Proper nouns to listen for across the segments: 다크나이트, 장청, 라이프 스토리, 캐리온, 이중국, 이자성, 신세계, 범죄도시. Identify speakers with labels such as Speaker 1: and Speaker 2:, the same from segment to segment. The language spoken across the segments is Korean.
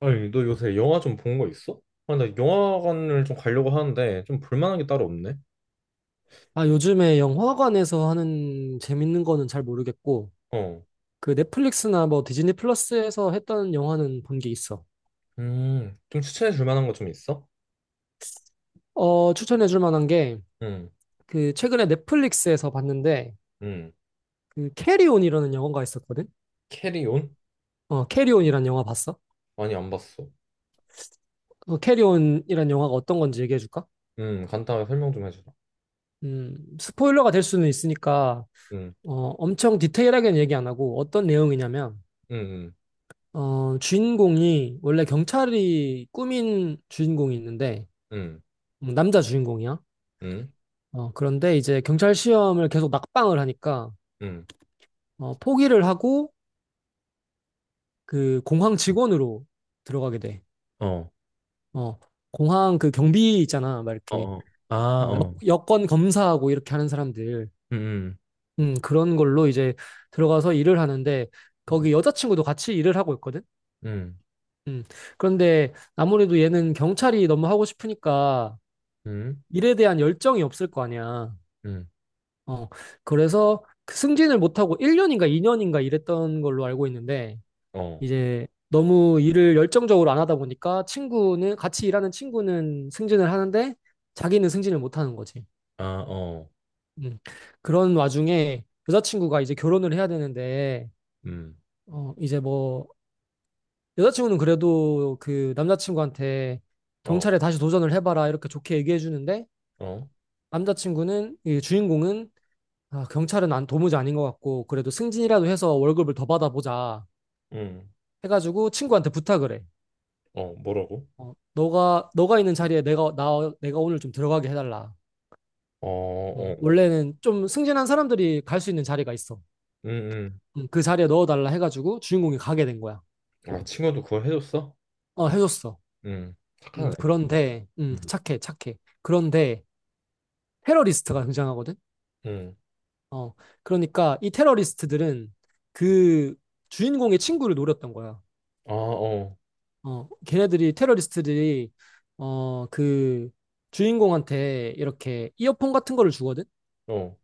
Speaker 1: 아니, 너 요새 영화 좀 본 거 있어? 아, 나 영화관을 좀 가려고 하는데 좀 볼 만한 게 따로 없네.
Speaker 2: 요즘에 영화관에서 하는 재밌는 거는 잘 모르겠고,
Speaker 1: 어.
Speaker 2: 그 넷플릭스나 뭐 디즈니 플러스에서 했던 영화는 본 게 있어.
Speaker 1: 좀 추천해 줄 만한 거 좀 있어?
Speaker 2: 추천해 줄 만한 게,
Speaker 1: 응.
Speaker 2: 그 최근에 넷플릭스에서 봤는데,
Speaker 1: 응.
Speaker 2: 그 캐리온이라는 영화가 있었거든?
Speaker 1: 캐리온?
Speaker 2: 캐리온이란 영화 봤어?
Speaker 1: 아니, 안 봤어.
Speaker 2: 캐리온이란 영화가 어떤 건지 얘기해 줄까?
Speaker 1: 간단하게 설명 좀 해주라.
Speaker 2: 스포일러가 될 수는 있으니까,
Speaker 1: 응 응.
Speaker 2: 엄청 디테일하게는 얘기 안 하고, 어떤 내용이냐면, 주인공이 원래 경찰이 꾸민 주인공이 있는데,
Speaker 1: 응. 응.
Speaker 2: 남자 주인공이야.
Speaker 1: 응.
Speaker 2: 그런데 이제 경찰 시험을 계속 낙방을 하니까
Speaker 1: 응.
Speaker 2: 포기를 하고 그 공항 직원으로 들어가게 돼.
Speaker 1: 응. 어,
Speaker 2: 어, 공항 그 경비 있잖아, 막
Speaker 1: 어,
Speaker 2: 이렇게
Speaker 1: 어. 아, 어.
Speaker 2: 여권 검사하고 이렇게 하는 사람들,
Speaker 1: 응응.
Speaker 2: 그런 걸로 이제 들어가서 일을 하는데 거기 여자친구도 같이 일을 하고 있거든.
Speaker 1: 응. 응.
Speaker 2: 음, 그런데 아무래도 얘는 경찰이 너무 하고 싶으니까
Speaker 1: 응.
Speaker 2: 일에 대한 열정이 없을 거 아니야.
Speaker 1: 응.
Speaker 2: 어, 그래서 그 승진을 못하고 1년인가 2년인가 일했던 걸로 알고 있는데.
Speaker 1: 응. 어,
Speaker 2: 이제 너무 일을 열정적으로 안 하다 보니까 친구는 같이 일하는 친구는 승진을 하는데 자기는 승진을 못 하는 거지.
Speaker 1: 아, 어.
Speaker 2: 음. 그런 와중에 여자친구가 이제 결혼을 해야 되는데
Speaker 1: 음,
Speaker 2: 이제 뭐 여자친구는 그래도 그 남자친구한테
Speaker 1: 어,
Speaker 2: 경찰에 다시 도전을 해봐라 이렇게 좋게 얘기해 주는데
Speaker 1: 어,
Speaker 2: 남자친구는 이 주인공은 아, 경찰은 안 도무지 아닌 것 같고 그래도 승진이라도 해서 월급을 더 받아보자
Speaker 1: 음,
Speaker 2: 해가지고 친구한테 부탁을 해.
Speaker 1: 어, 뭐라고?
Speaker 2: 너가 있는 자리에 내가 오늘 좀 들어가게 해달라.
Speaker 1: 어, 어.
Speaker 2: 원래는 좀 승진한 사람들이 갈 수 있는 자리가 있어.
Speaker 1: 응응.
Speaker 2: 그 자리에 넣어달라 해가지고 주인공이 가게 된 거야.
Speaker 1: 아, 친구도 그걸 해줬어?
Speaker 2: 해줬어.
Speaker 1: 음,
Speaker 2: 음,
Speaker 1: 착하네.
Speaker 2: 그런데 음,
Speaker 1: 음,
Speaker 2: 착해 착해. 그런데 테러리스트가 등장하거든.
Speaker 1: 음,
Speaker 2: 어, 그러니까 이 테러리스트들은 그 주인공의 친구를 노렸던 거야.
Speaker 1: 아, 어,
Speaker 2: 걔네들이 테러리스트들이 그 주인공한테 이렇게 이어폰 같은 거를 주거든.
Speaker 1: 어,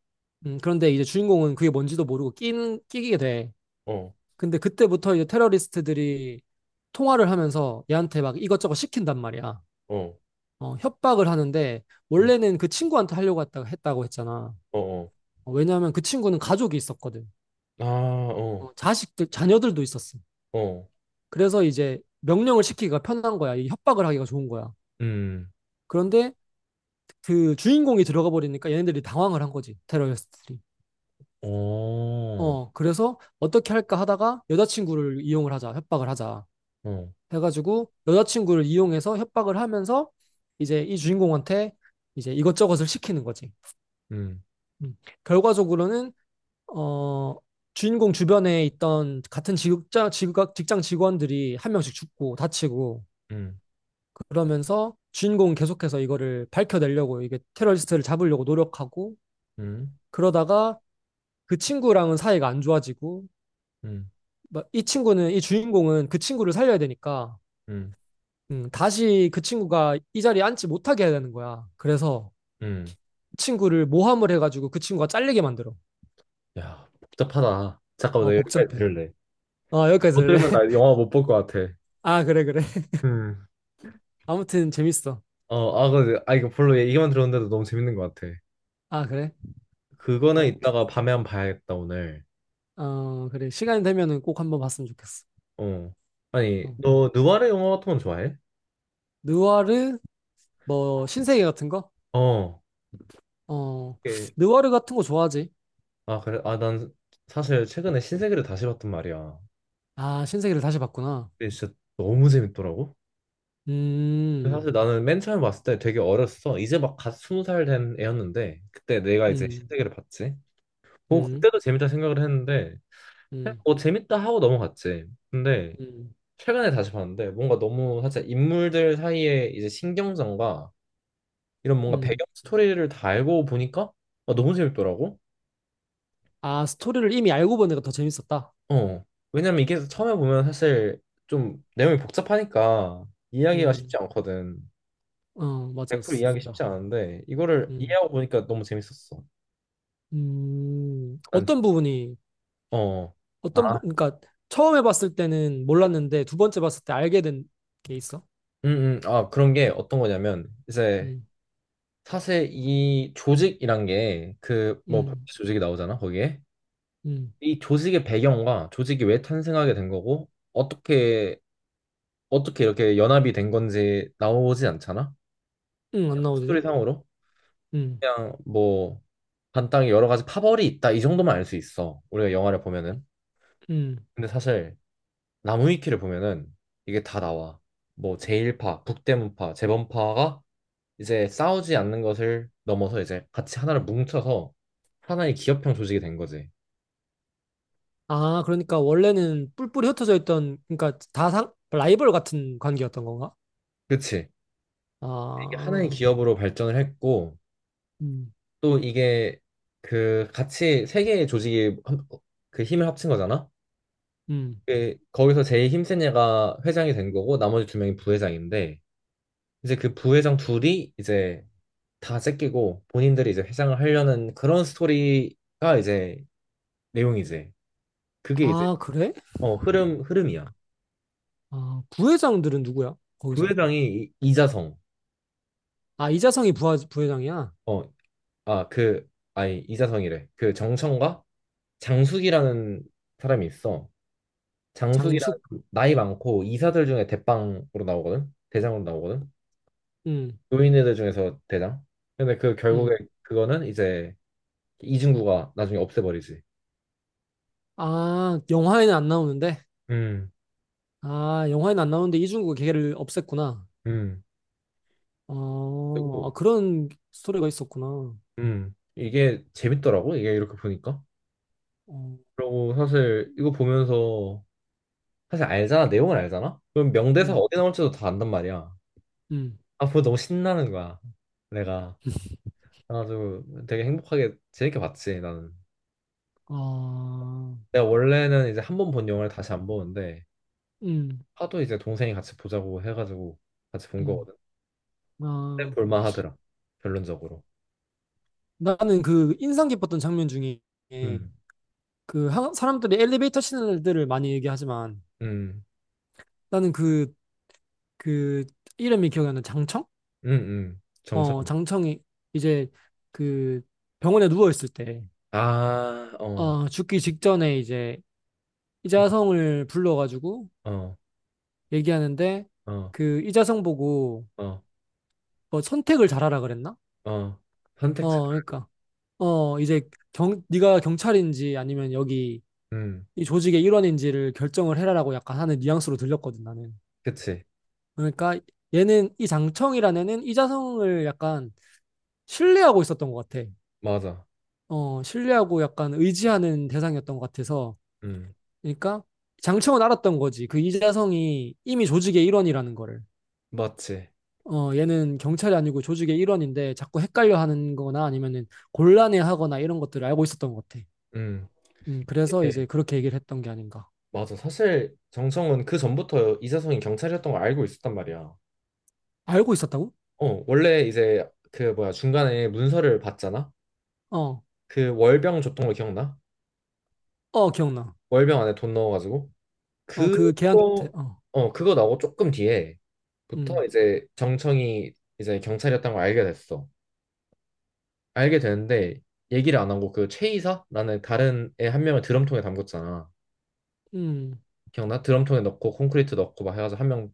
Speaker 2: 그런데 이제 주인공은 그게 뭔지도 모르고 끼게 돼.
Speaker 1: 어,
Speaker 2: 근데 그때부터 이제 테러리스트들이 통화를 하면서 얘한테 막 이것저것 시킨단 말이야.
Speaker 1: 어,
Speaker 2: 협박을 하는데
Speaker 1: 음,
Speaker 2: 원래는 그 친구한테 하려고 했다고 했잖아.
Speaker 1: 어, 어,
Speaker 2: 왜냐하면 그 친구는 가족이 있었거든.
Speaker 1: 아, 어,
Speaker 2: 자식들, 자녀들도 있었어.
Speaker 1: 어,
Speaker 2: 그래서 이제 명령을 시키기가 편한 거야. 이 협박을 하기가 좋은 거야.
Speaker 1: 음,
Speaker 2: 그런데 그 주인공이 들어가 버리니까 얘네들이 당황을 한 거지. 테러리스트들이.
Speaker 1: 어, 어,
Speaker 2: 그래서 어떻게 할까 하다가 여자친구를 이용을 하자, 협박을 하자. 해가지고 여자친구를 이용해서 협박을 하면서 이제 이 주인공한테 이제 이것저것을 시키는 거지.
Speaker 1: 음,
Speaker 2: 음. 결과적으로는 어 주인공 주변에 있던 같은 직장 직장 직원들이 한 명씩 죽고 다치고
Speaker 1: 음,
Speaker 2: 그러면서 주인공은 계속해서 이거를 밝혀내려고 이게 테러리스트를 잡으려고 노력하고
Speaker 1: 음,
Speaker 2: 그러다가 그 친구랑은 사이가 안 좋아지고
Speaker 1: 음,
Speaker 2: 막이 친구는 이 주인공은 그 친구를 살려야 되니까
Speaker 1: 음,
Speaker 2: 다시 그 친구가 이 자리에 앉지 못하게 해야 되는 거야. 그래서
Speaker 1: 음.
Speaker 2: 친구를 모함을 해가지고 그 친구가 잘리게 만들어.
Speaker 1: 야, 복잡하다. 잠깐만, 나 여기까지
Speaker 2: 복잡해.
Speaker 1: 들을래.
Speaker 2: 어, 여기까지
Speaker 1: 못
Speaker 2: 들래?
Speaker 1: 들으면 나 영화 못 볼 것 같아.
Speaker 2: 아, 그래, 그래.
Speaker 1: 음.
Speaker 2: 아무튼 재밌어.
Speaker 1: 어, 아, 근데, 아, 이거 별로 얘기만 들었는데도 너무 재밌는 것 같아.
Speaker 2: 아, 그래?
Speaker 1: 그거는
Speaker 2: 어,
Speaker 1: 이따가 밤에 한번 봐야겠다, 오늘.
Speaker 2: 어, 그래. 시간이 되면은 꼭 한번 봤으면 좋겠어.
Speaker 1: 어. 아니,
Speaker 2: 어.
Speaker 1: 너 누아르 영화 같은 건 좋아해?
Speaker 2: 느와르, 뭐, 신세계 같은 거?
Speaker 1: 어.
Speaker 2: 어, 느와르 같은 거 좋아하지?
Speaker 1: 아, 그래. 아, 난 사실 최근에 신세계를 다시 봤단 말이야.
Speaker 2: 아, 신세계를 다시 봤구나.
Speaker 1: 근데 진짜 너무 재밌더라고. 근데
Speaker 2: 음,
Speaker 1: 사실 나는 맨 처음 봤을 때 되게 어렸어. 이제 막 갓 20살 된 애였는데 그때 내가 이제
Speaker 2: 음,
Speaker 1: 신세계를 봤지. 뭐
Speaker 2: 음,
Speaker 1: 그때도 재밌다 생각을 했는데 그냥
Speaker 2: 음,
Speaker 1: 뭐 재밌다 하고 넘어갔지. 근데
Speaker 2: 음,
Speaker 1: 최근에 다시 봤는데 뭔가 너무 사실 인물들 사이에 이제 신경전과 이런 뭔가
Speaker 2: 음.
Speaker 1: 배경 스토리를 다 알고 보니까 아, 너무 재밌더라고.
Speaker 2: 아, 스토리를 이미 알고 보니까 더 재밌었다.
Speaker 1: 어. 왜냐면 이게 처음에 보면 사실 좀 내용이 복잡하니까 이해하기가 쉽지
Speaker 2: 음,
Speaker 1: 않거든.
Speaker 2: 어,
Speaker 1: 100%
Speaker 2: 맞았어.
Speaker 1: 이해하기 쉽지
Speaker 2: 맞아.
Speaker 1: 않은데 이거를
Speaker 2: 음,
Speaker 1: 이해하고 보니까 너무 재밌었어. 난 진-
Speaker 2: 어떤 부분이
Speaker 1: 어. 아,
Speaker 2: 그러니까 처음에 봤을 때는 몰랐는데 두 번째 봤을 때 알게 된 게 있어?
Speaker 1: 아, 그런 게 어떤 거냐면 이제
Speaker 2: 음,
Speaker 1: 사실 이 조직이란 게 그 뭐
Speaker 2: 음,
Speaker 1: 조직이 나오잖아, 거기에.
Speaker 2: 음,
Speaker 1: 이 조직의 배경과 조직이 왜 탄생하게 된 거고 어떻게 이렇게 연합이 된 건지 나오지 않잖아.
Speaker 2: 안 나오지?
Speaker 1: 스토리상으로.
Speaker 2: 음,
Speaker 1: 그냥 뭐 간단히 여러 가지 파벌이 있다 이 정도만 알 수 있어. 우리가 영화를 보면은.
Speaker 2: 음.
Speaker 1: 근데 사실 나무위키를 보면은 이게 다 나와. 뭐 제1파, 북대문파, 재범파가 이제 싸우지 않는 것을 넘어서 이제 같이 하나를 뭉쳐서 하나의 기업형 조직이 된 거지.
Speaker 2: 아, 그러니까 원래는 뿔뿔이 흩어져 있던 그러니까 다 상, 라이벌 같은 관계였던 건가?
Speaker 1: 그치? 이게 하나의
Speaker 2: 아,
Speaker 1: 기업으로 발전을 했고
Speaker 2: 음,
Speaker 1: 또 이게 그 같이 세 개의 조직이 그 힘을 합친 거잖아.
Speaker 2: 음.
Speaker 1: 그 거기서 제일 힘센 애가 회장이 된 거고 나머지 두 명이 부회장인데 이제 그 부회장 둘이 이제 다 째끼고 본인들이 이제 회장을 하려는 그런 스토리가 이제 내용이지. 그게 이제
Speaker 2: 아, 그래?
Speaker 1: 흐름이야.
Speaker 2: 아, 부회장들은 누구야? 거기서?
Speaker 1: 부회장이 이자성
Speaker 2: 아, 이자성이 부하, 부회장이야?
Speaker 1: 어아그 아니 이자성이래. 그 정청과 장숙이라는 사람이 있어. 장숙이라는
Speaker 2: 장숙,
Speaker 1: 사람, 나이 많고 이사들 중에 대빵으로 나오거든. 대장으로 나오거든.
Speaker 2: 음,
Speaker 1: 노인네들 중에서 대장. 근데 그 결국에
Speaker 2: 음.
Speaker 1: 그거는 이제 이중구가 나중에 없애버리지.
Speaker 2: 아, 영화에는 안 나오는데?
Speaker 1: 음,
Speaker 2: 아, 영화에는 안 나오는데 이중국 걔를 없앴구나.
Speaker 1: 음.
Speaker 2: 아,
Speaker 1: 그리고
Speaker 2: 그런 스토리가 있었구나.
Speaker 1: 이게 재밌더라고. 이게 이렇게 보니까.
Speaker 2: 어,
Speaker 1: 그리고 사실 이거 보면서 사실 알잖아. 내용을 알잖아. 그럼 명대사
Speaker 2: 음,
Speaker 1: 어디 나올지도 다 안단 말이야.
Speaker 2: 음,
Speaker 1: 아, 보고 너무 신나는 거야. 내가. 그래가지고 되게 행복하게 재밌게 봤지, 나는.
Speaker 2: 아,
Speaker 1: 내가 원래는 이제 한 번 본 영화를 다시 안 보는데
Speaker 2: 음,
Speaker 1: 하도 이제 동생이 같이 보자고 해가지고 같이 본
Speaker 2: 음,
Speaker 1: 거거든. 근데
Speaker 2: 아,
Speaker 1: 볼만 하더라. 결론적으로.
Speaker 2: 나는 그 인상 깊었던 장면 중에
Speaker 1: 음,
Speaker 2: 그 사람들이 엘리베이터 신들을 많이 얘기하지만
Speaker 1: 음,
Speaker 2: 나는 그, 그 이름이 기억이 안 나. 장청?
Speaker 1: 정정.
Speaker 2: 어, 장청이 이제 그 병원에 누워있을 때,
Speaker 1: 아, 어,
Speaker 2: 어, 죽기 직전에 이제 이자성을 불러가지고
Speaker 1: 어,
Speaker 2: 얘기하는데
Speaker 1: 어,
Speaker 2: 그 이자성 보고
Speaker 1: 어.
Speaker 2: 뭐 선택을 잘하라 그랬나?
Speaker 1: 어, 선택자.
Speaker 2: 어, 그러니까. 어, 이제 경, 네가 경찰인지 아니면 여기
Speaker 1: 음,
Speaker 2: 이 조직의 일원인지를 결정을 해라라고 약간 하는 뉘앙스로 들렸거든, 나는.
Speaker 1: 그치.
Speaker 2: 그러니까 얘는 이 장청이라는 애는 이자성을 약간 신뢰하고 있었던 것 같아.
Speaker 1: 맞아.
Speaker 2: 어, 신뢰하고 약간 의지하는 대상이었던 것 같아서.
Speaker 1: 음,
Speaker 2: 그러니까 장청은 알았던 거지. 그 이자성이 이미 조직의 일원이라는 거를.
Speaker 1: 맞지.
Speaker 2: 어, 얘는 경찰이 아니고 조직의 일원인데 자꾸 헷갈려 하는 거나 아니면은 곤란해 하거나 이런 것들을 알고 있었던 것 같아.
Speaker 1: 음,
Speaker 2: 그래서
Speaker 1: 예,
Speaker 2: 이제 그렇게 얘기를 했던 게 아닌가.
Speaker 1: 맞아. 사실 정청은 그 전부터 이사성이 경찰이었던 걸 알고 있었단 말이야.
Speaker 2: 알고 있었다고?
Speaker 1: 어, 원래 이제 그 뭐야 중간에 문서를 봤잖아.
Speaker 2: 어,
Speaker 1: 그 월병 줬던 거 기억나?
Speaker 2: 어, 기억나.
Speaker 1: 월병 안에 돈 넣어가지고
Speaker 2: 어, 그 걔한테,
Speaker 1: 그거 그거 나오고 조금 뒤에부터
Speaker 2: 음,
Speaker 1: 이제 정청이 이제 경찰이었던 걸 알게 됐어. 알게 되는데 얘기를 안 하고 그 최이사라는 다른 애 한 명을 드럼통에 담궜잖아.
Speaker 2: 음,
Speaker 1: 기억나? 드럼통에 넣고 콘크리트 넣고 막 해가지고 1명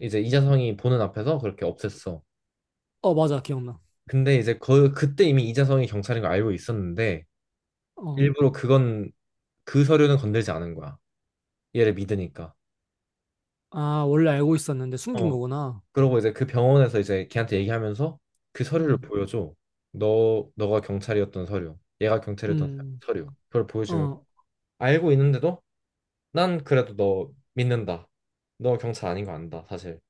Speaker 1: 이제 이자성이 보는 앞에서 그렇게 없앴어.
Speaker 2: 어, 맞아, 기억나.
Speaker 1: 근데 이제 그 그때 이미 이자성이 경찰인 걸 알고 있었는데
Speaker 2: 어,
Speaker 1: 일부러 그건 그 서류는 건들지 않은 거야. 얘를 믿으니까.
Speaker 2: 아, 원래 알고 있었는데 숨긴
Speaker 1: 어.
Speaker 2: 거구나.
Speaker 1: 그러고 이제 그 병원에서 이제 걔한테 얘기하면서 그 서류를
Speaker 2: 음,
Speaker 1: 보여줘. 너 너가 경찰이었던 서류. 얘가 경찰이었던
Speaker 2: 음,
Speaker 1: 서류. 그걸 보여주면
Speaker 2: 어,
Speaker 1: 알고 있는데도 난 그래도 너 믿는다. 너 경찰 아닌 거 안다, 사실.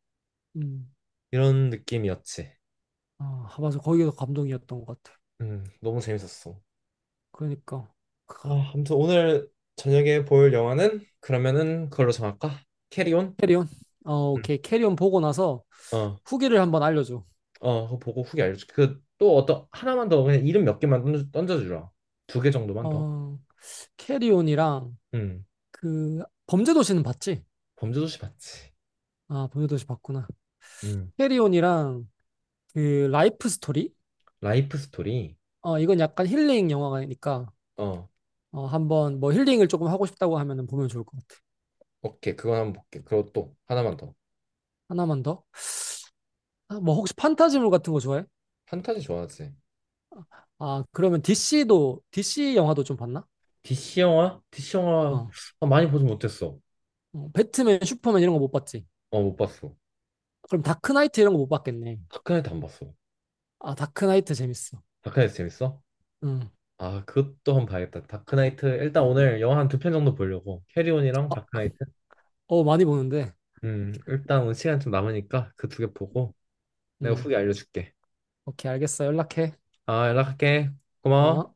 Speaker 2: 음,
Speaker 1: 이런 느낌이었지.
Speaker 2: 아, 맞아. 거기가 감동이었던 것 같아.
Speaker 1: 너무 재밌었어.
Speaker 2: 그러니까.
Speaker 1: 어, 아무튼 오늘 저녁에 볼 영화는 그러면은 그걸로 정할까? 캐리온?
Speaker 2: 캐리온? 어,
Speaker 1: 응.
Speaker 2: 오케이. 캐리온 보고 나서
Speaker 1: 어,
Speaker 2: 후기를 한번 알려줘.
Speaker 1: 어, 그거 보고 후기 알려줄게. 그 또 어떤 하나만 더 그냥 이름 몇 개만 던져주라. 2개 정도만 더.
Speaker 2: 어, 캐리온이랑
Speaker 1: 응.
Speaker 2: 그, 범죄도시는 봤지?
Speaker 1: 범죄도시 봤지.
Speaker 2: 아, 범죄도시 봤구나.
Speaker 1: 응.
Speaker 2: 캐리온이랑 그, 라이프 스토리?
Speaker 1: 라이프 스토리.
Speaker 2: 이건 약간 힐링 영화니까,
Speaker 1: 어,
Speaker 2: 한번 뭐 힐링을 조금 하고 싶다고 하면은 보면 좋을 것 같아.
Speaker 1: 오케이. 그거 한번 볼게. 그리고 또 하나만 더.
Speaker 2: 하나만 더. 아, 뭐 혹시 판타지물 같은 거 좋아해?
Speaker 1: 판타지 좋아하지.
Speaker 2: 아, 그러면 DC도, DC 영화도 좀 봤나?
Speaker 1: DC 영화? DC 영화
Speaker 2: 어,
Speaker 1: 아, 많이 보진 못했어.
Speaker 2: 배트맨, 슈퍼맨 이런 거 못 봤지?
Speaker 1: 어, 못 봤어.
Speaker 2: 그럼 다크나이트 이런 거 못 봤겠네.
Speaker 1: 다크나이트 안 봤어.
Speaker 2: 아, 다크나이트 재밌어.
Speaker 1: 다크나이트 재밌어?
Speaker 2: 음.
Speaker 1: 아, 그것도 한번 봐야겠다. 다크나이트. 일단 오늘 영화 한 두 편 정도 보려고. 캐리온이랑
Speaker 2: 어,
Speaker 1: 다크나이트.
Speaker 2: 어, 많이 보는데.
Speaker 1: 일단 오늘 시간 좀 남으니까 그 2개 보고 내가
Speaker 2: 음.
Speaker 1: 후기 알려줄게.
Speaker 2: 오케이, 알겠어. 연락해.
Speaker 1: 아, 연락할게. 고마워.
Speaker 2: 어.